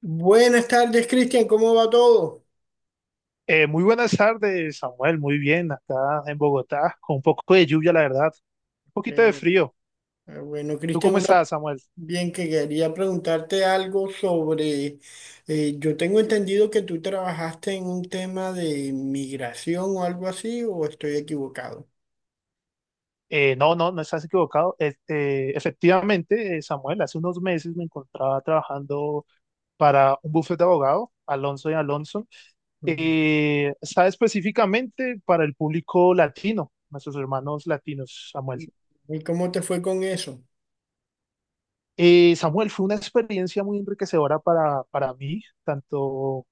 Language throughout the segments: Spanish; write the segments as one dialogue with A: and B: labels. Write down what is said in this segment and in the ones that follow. A: Buenas tardes, Cristian, ¿cómo va todo?
B: Muy buenas tardes, Samuel. Muy bien, acá en Bogotá, con un poco de lluvia, la verdad. Un poquito de
A: Eh,
B: frío.
A: bueno,
B: ¿Tú
A: Cristian,
B: cómo
A: una
B: estás, Samuel?
A: bien que quería preguntarte algo sobre, yo tengo entendido que tú trabajaste en un tema de migración o algo así, o estoy equivocado.
B: No, no estás equivocado. Efectivamente, Samuel, hace unos meses me encontraba trabajando para un bufete de abogado, Alonso y Alonso.
A: Mm.
B: Está específicamente para el público latino, nuestros hermanos latinos, Samuel.
A: ¿Y cómo te fue con eso?
B: Samuel, fue una experiencia muy enriquecedora para mí, tanto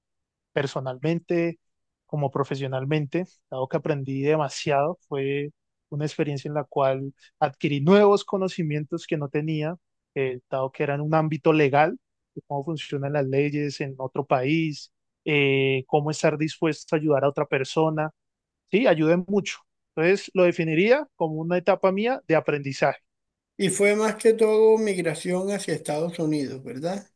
B: personalmente como profesionalmente, dado que aprendí demasiado, fue una experiencia en la cual adquirí nuevos conocimientos que no tenía, dado que era en un ámbito legal, de cómo funcionan las leyes en otro país, cómo estar dispuesto a ayudar a otra persona, sí, ayudé mucho. Entonces lo definiría como una etapa mía de aprendizaje.
A: Y fue más que todo migración hacia Estados Unidos, ¿verdad?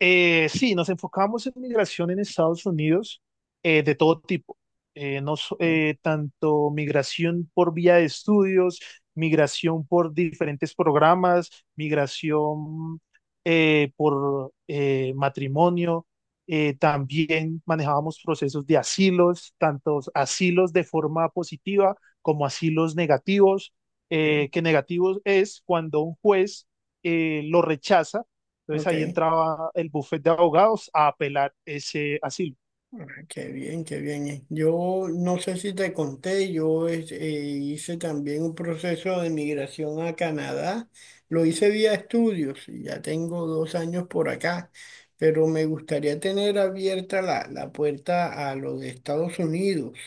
B: Sí, nos enfocamos en migración en Estados Unidos de todo tipo. No so- Tanto migración por vía de estudios, migración por diferentes programas, migración por matrimonio. También manejábamos procesos de asilos, tantos asilos de forma positiva como asilos negativos,
A: Ok,
B: que negativos es cuando un juez lo rechaza, entonces ahí
A: ok.
B: entraba el bufete de abogados a apelar ese asilo.
A: Ah, qué bien, qué bien. Yo no sé si te conté, yo hice también un proceso de migración a Canadá. Lo hice vía estudios y ya tengo dos años por acá, pero me gustaría tener abierta la puerta a lo de Estados Unidos.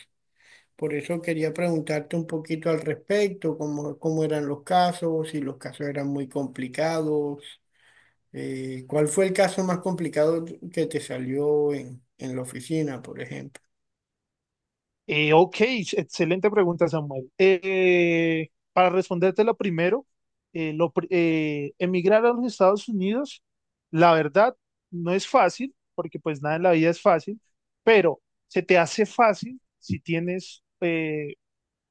A: Por eso quería preguntarte un poquito al respecto, cómo eran los casos, si los casos eran muy complicados. ¿Cuál fue el caso más complicado que te salió en la oficina, por ejemplo?
B: Ok, excelente pregunta, Samuel. Para respondértelo primero, emigrar a los Estados Unidos, la verdad, no es fácil, porque pues nada en la vida es fácil, pero se te hace fácil si tienes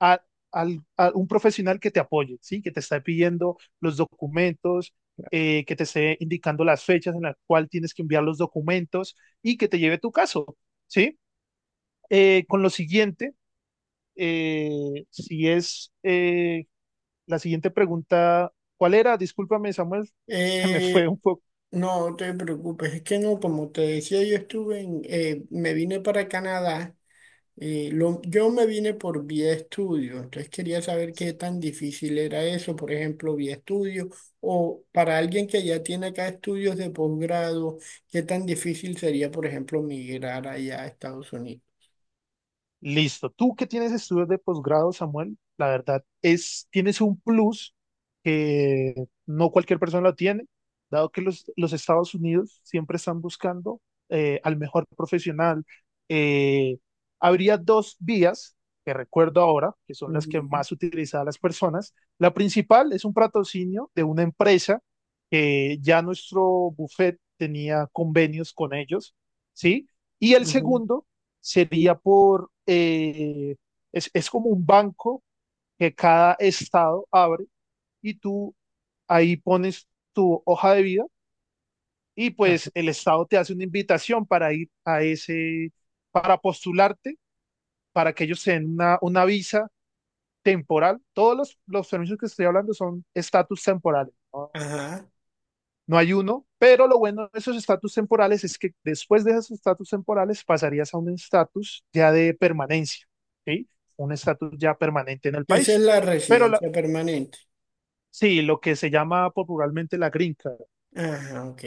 B: a, a un profesional que te apoye, ¿sí? Que te esté pidiendo los documentos, que te esté indicando las fechas en las cuales tienes que enviar los documentos y que te lleve tu caso, ¿sí? Con lo siguiente, si es la siguiente pregunta, ¿cuál era? Discúlpame, Samuel, se me fue
A: Eh,
B: un poco.
A: no te preocupes, es que no, como te decía, me vine para Canadá, yo me vine por vía estudio, entonces quería saber qué tan difícil era eso, por ejemplo, vía estudio, o para alguien que ya tiene acá estudios de posgrado, qué tan difícil sería, por ejemplo, migrar allá a Estados Unidos.
B: Listo. Tú que tienes estudios de posgrado, Samuel, la verdad es, tienes un plus que no cualquier persona lo tiene, dado que los Estados Unidos siempre están buscando al mejor profesional. Eh, Habría dos vías que recuerdo ahora, que son las que
A: Ujú,
B: más utilizan las personas. La principal es un patrocinio de una empresa que ya nuestro buffet tenía convenios con ellos, ¿sí? Y el
A: ujú.
B: segundo sería por, es como un banco que cada estado abre y tú ahí pones tu hoja de vida y
A: Ah,
B: pues el estado te hace una invitación para ir a ese, para postularte, para que ellos te den una visa temporal. Todos los permisos que estoy hablando son estatus temporales, no,
A: ajá,
B: no hay uno, pero lo bueno de esos estatus temporales es que después de esos estatus temporales pasarías a un estatus ya de permanencia, ¿sí? Un estatus ya permanente en el
A: esa es
B: país.
A: la
B: Pero la-
A: residencia permanente.
B: sí, lo que se llama popularmente la green card,
A: Ajá, ok.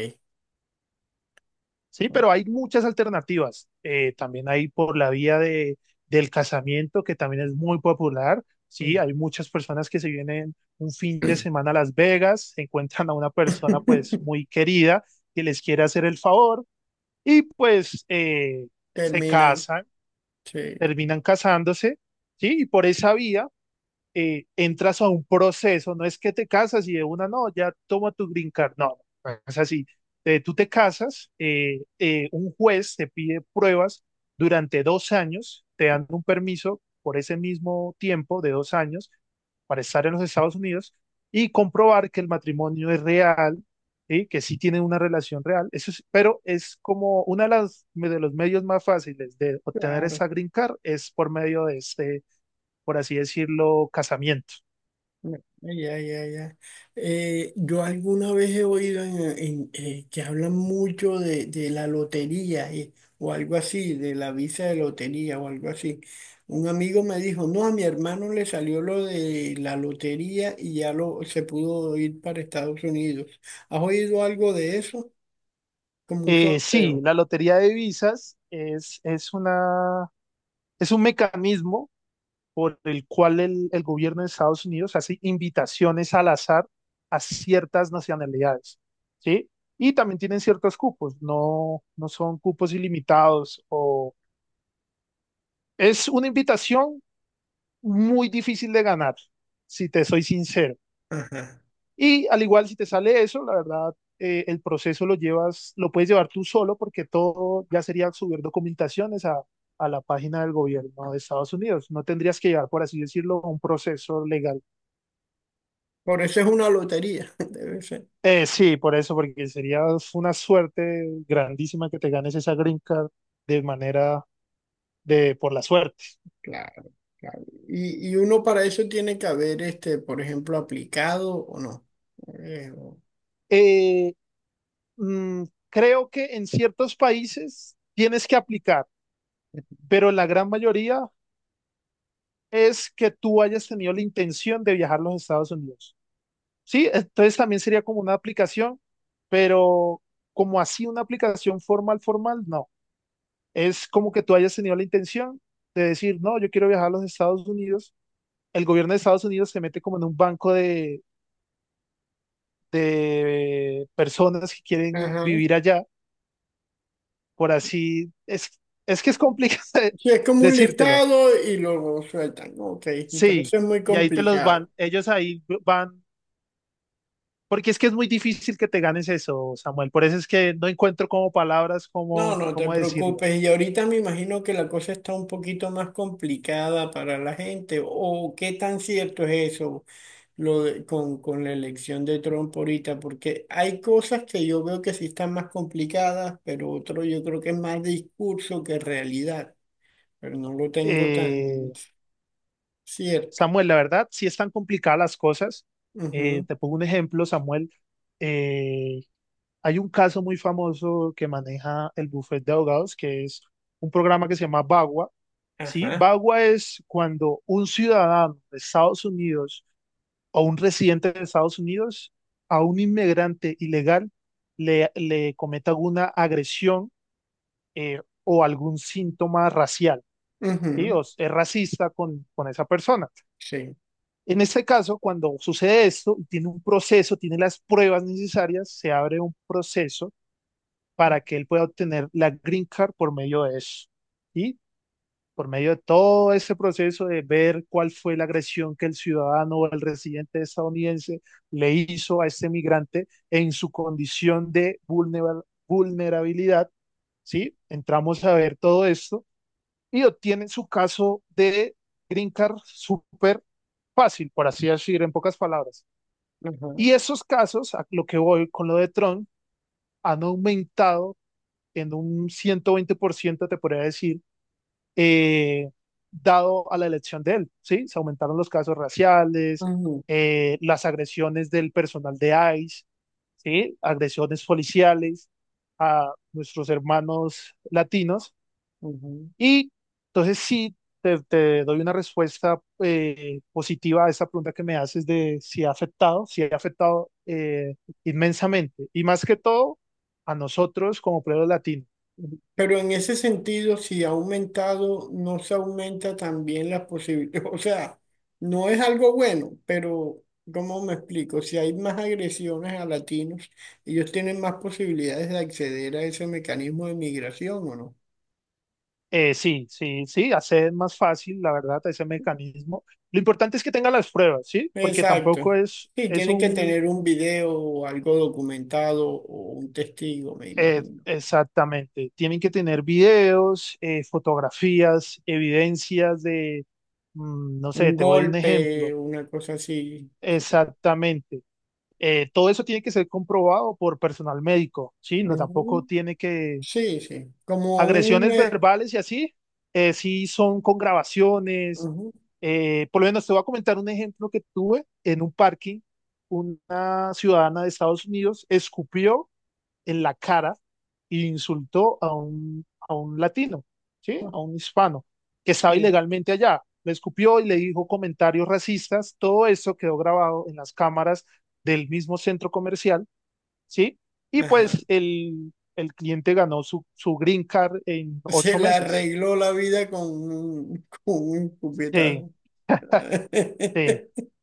B: ¿sí? Pero hay muchas alternativas. También hay por la vía de, del casamiento, que también es muy popular, ¿sí? Hay muchas personas que se vienen un fin de semana a Las Vegas, encuentran a una persona pues muy querida que les quiere hacer el favor y pues se
A: Terminan.
B: casan,
A: Sí,
B: terminan casándose, ¿sí? Y por esa vía entras a un proceso, no es que te casas y de una, no, ya toma tu green card, no, no es así. Tú te casas, un juez te pide pruebas durante 2 años, te dan un permiso por ese mismo tiempo de 2 años para estar en los Estados Unidos y comprobar que el matrimonio es real, ¿sí? Que sí tienen una relación real. Pero es como uno de, de los medios más fáciles de obtener
A: claro.
B: esa green card es por medio de este, por así decirlo, casamiento.
A: No, ya, ya, ya. Yo alguna vez he oído que hablan mucho de la lotería o algo así, de la visa de lotería o algo así. Un amigo me dijo, no, a mi hermano le salió lo de la lotería y ya se pudo ir para Estados Unidos. ¿Has oído algo de eso? Como un
B: Sí,
A: sorteo.
B: la lotería de divisas es una, es un mecanismo por el cual el gobierno de Estados Unidos hace invitaciones al azar a ciertas nacionalidades, ¿sí? Y también tienen ciertos cupos, no, no son cupos ilimitados. O es una invitación muy difícil de ganar, si te soy sincero.
A: Ajá.
B: Y al igual, si te sale eso, la verdad, el proceso lo llevas, lo puedes llevar tú solo porque todo ya sería subir documentaciones a la página del gobierno de Estados Unidos. No tendrías que llevar, por así decirlo, un proceso legal.
A: Por eso es una lotería, debe ser.
B: Sí, por eso, porque sería una suerte grandísima que te ganes esa green card de manera de por la suerte.
A: Claro. Y uno para eso tiene que haber, este, por ejemplo, aplicado o no. Eh, o-
B: Eh, mm, creo que en ciertos países tienes que aplicar, pero en la gran mayoría es que tú hayas tenido la intención de viajar a los Estados Unidos. Sí, entonces también sería como una aplicación, pero como así una aplicación formal, formal, no. Es como que tú hayas tenido la intención de decir, no, yo quiero viajar a los Estados Unidos. El gobierno de Estados Unidos se mete como en un banco de personas que quieren
A: Ajá.
B: vivir allá, por así, es que es complicado
A: Sí, es como un
B: decírtelo.
A: listado y luego sueltan. Ok, pero
B: Sí,
A: eso es muy
B: y ahí te los
A: complicado.
B: van, ellos ahí van. Porque es que es muy difícil que te ganes eso, Samuel. Por eso es que no encuentro como palabras,
A: No,
B: cómo,
A: no te
B: cómo decirlo.
A: preocupes. Y ahorita me imagino que la cosa está un poquito más complicada para la gente. ¿O qué tan cierto es eso lo con la elección de Trump ahorita? Porque hay cosas que yo veo que sí están más complicadas, pero otro yo creo que es más discurso que realidad. Pero no lo tengo tan
B: Eh,
A: cierto.
B: Samuel, la verdad, sí están complicadas las cosas.
A: Ujú,
B: Te pongo un ejemplo, Samuel. Eh, Hay un caso muy famoso que maneja el bufete de abogados, que es un programa que se llama Bagua. ¿Sí?
A: ajá.
B: Bagua es cuando un ciudadano de Estados Unidos a un residente de Estados Unidos, a un inmigrante ilegal, le cometa alguna agresión o algún síntoma racial. ¿Sí?
A: Ujú,
B: O es racista con esa persona.
A: sí.
B: En este caso, cuando sucede esto, tiene un proceso, tiene las pruebas necesarias, se abre un proceso para que él pueda obtener la green card por medio de eso. Y por medio de todo ese proceso de ver cuál fue la agresión que el ciudadano o el residente estadounidense le hizo a este migrante en su condición de vulnerabilidad, ¿sí? Entramos a ver todo esto y obtienen su caso de green card súper fácil, por así decir, en pocas palabras.
A: Ajá.
B: Y esos casos, a lo que voy con lo de Trump, han aumentado en un 120%, te podría decir, eh, dado a la elección de él, ¿sí? Se aumentaron los casos raciales,
A: Ujú.
B: las agresiones del personal de ICE, ¿sí? Agresiones policiales a nuestros hermanos latinos.
A: Ujú.
B: Y entonces sí, te doy una respuesta positiva a esa pregunta que me haces de si ha afectado, si ha afectado inmensamente. Y más que todo, a nosotros como pueblo latino.
A: Pero en ese sentido, si ha aumentado, no se aumenta también las posibilidades. O sea, no es algo bueno, pero ¿cómo me explico? Si hay más agresiones a latinos, ellos tienen más posibilidades de acceder a ese mecanismo de migración, ¿o no?
B: Sí, sí, hacer más fácil, la verdad, ese mecanismo. Lo importante es que tenga las pruebas, ¿sí? Porque tampoco
A: Exacto.
B: es,
A: Sí, tiene que tener un
B: un-
A: video o algo documentado o un testigo, me imagino.
B: exactamente, tienen que tener videos, fotografías, evidencias de, mm, no sé,
A: Un
B: te doy un
A: golpe,
B: ejemplo,
A: una cosa así. Sí,
B: exactamente. Todo eso tiene que ser comprobado por personal médico, ¿sí? No, tampoco
A: ujú.
B: tiene que,
A: Sí, sí.
B: agresiones verbales y así, sí son con grabaciones.
A: Ujú,
B: Por lo menos te voy a comentar un ejemplo que tuve en un parking. Una ciudadana de Estados Unidos escupió en la cara e insultó a un latino, ¿sí? A un hispano que estaba
A: sí,
B: ilegalmente allá. Le escupió y le dijo comentarios racistas. Todo eso quedó grabado en las cámaras del mismo centro comercial, ¿sí? Y
A: ajá.
B: pues el cliente ganó su, su green card en
A: Se
B: ocho
A: le
B: meses.
A: arregló la vida con un
B: Sí,
A: cupetazo.
B: sí.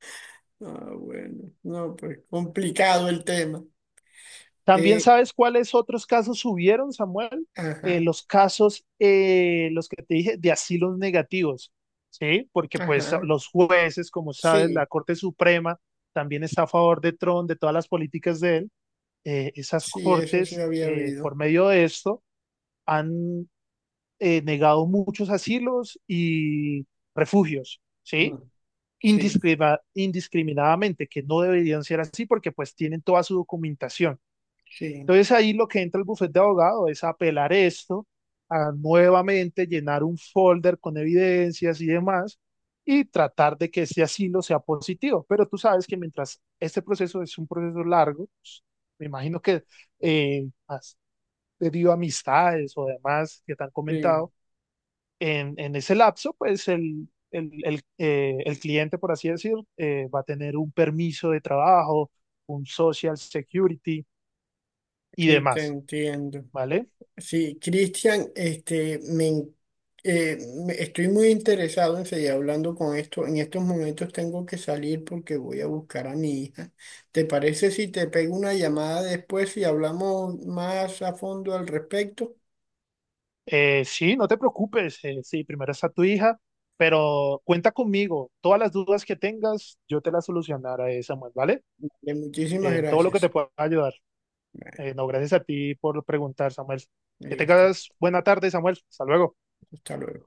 A: Ah, bueno, no, pues complicado el tema.
B: ¿También
A: Eh,
B: sabes cuáles otros casos subieron, Samuel?
A: ajá,
B: Los casos, los que te dije, de asilos negativos, ¿sí? Porque pues
A: ajá.
B: los jueces, como sabes,
A: Sí,
B: la Corte Suprema también está a favor de Trump, de todas las políticas de él. Esas
A: sí, eso sí
B: cortes,
A: había
B: por
A: oído.
B: medio de esto, han negado muchos asilos y refugios, ¿sí?
A: Mm, sí,
B: Indiscriminadamente, que no deberían ser así porque pues tienen toda su documentación.
A: sí,
B: Entonces ahí lo que entra el bufete de abogado es apelar esto, a nuevamente llenar un folder con evidencias y demás y tratar de que ese asilo sea positivo. Pero tú sabes que mientras este proceso es un proceso largo, pues, me imagino que has debido a amistades o demás que te han
A: sí,
B: comentado, en ese lapso, pues el cliente, por así decir, va a tener un permiso de trabajo, un social security y
A: sí,
B: demás,
A: te entiendo.
B: ¿vale?
A: Sí, Cristian, eh, estoy muy interesado en seguir hablando con esto. En estos momentos tengo que salir porque voy a buscar a mi hija. ¿Te parece si te pego una llamada después y hablamos más a fondo al respecto?
B: Sí, no te preocupes, sí, primero está tu hija, pero cuenta conmigo, todas las dudas que tengas, yo te las solucionaré, Samuel, ¿vale?
A: De muchísimas
B: En todo lo que te
A: gracias.
B: pueda ayudar.
A: Bueno,
B: No, gracias a ti por preguntar, Samuel. Que
A: listo,
B: tengas buena tarde, Samuel. Hasta luego.
A: hasta luego.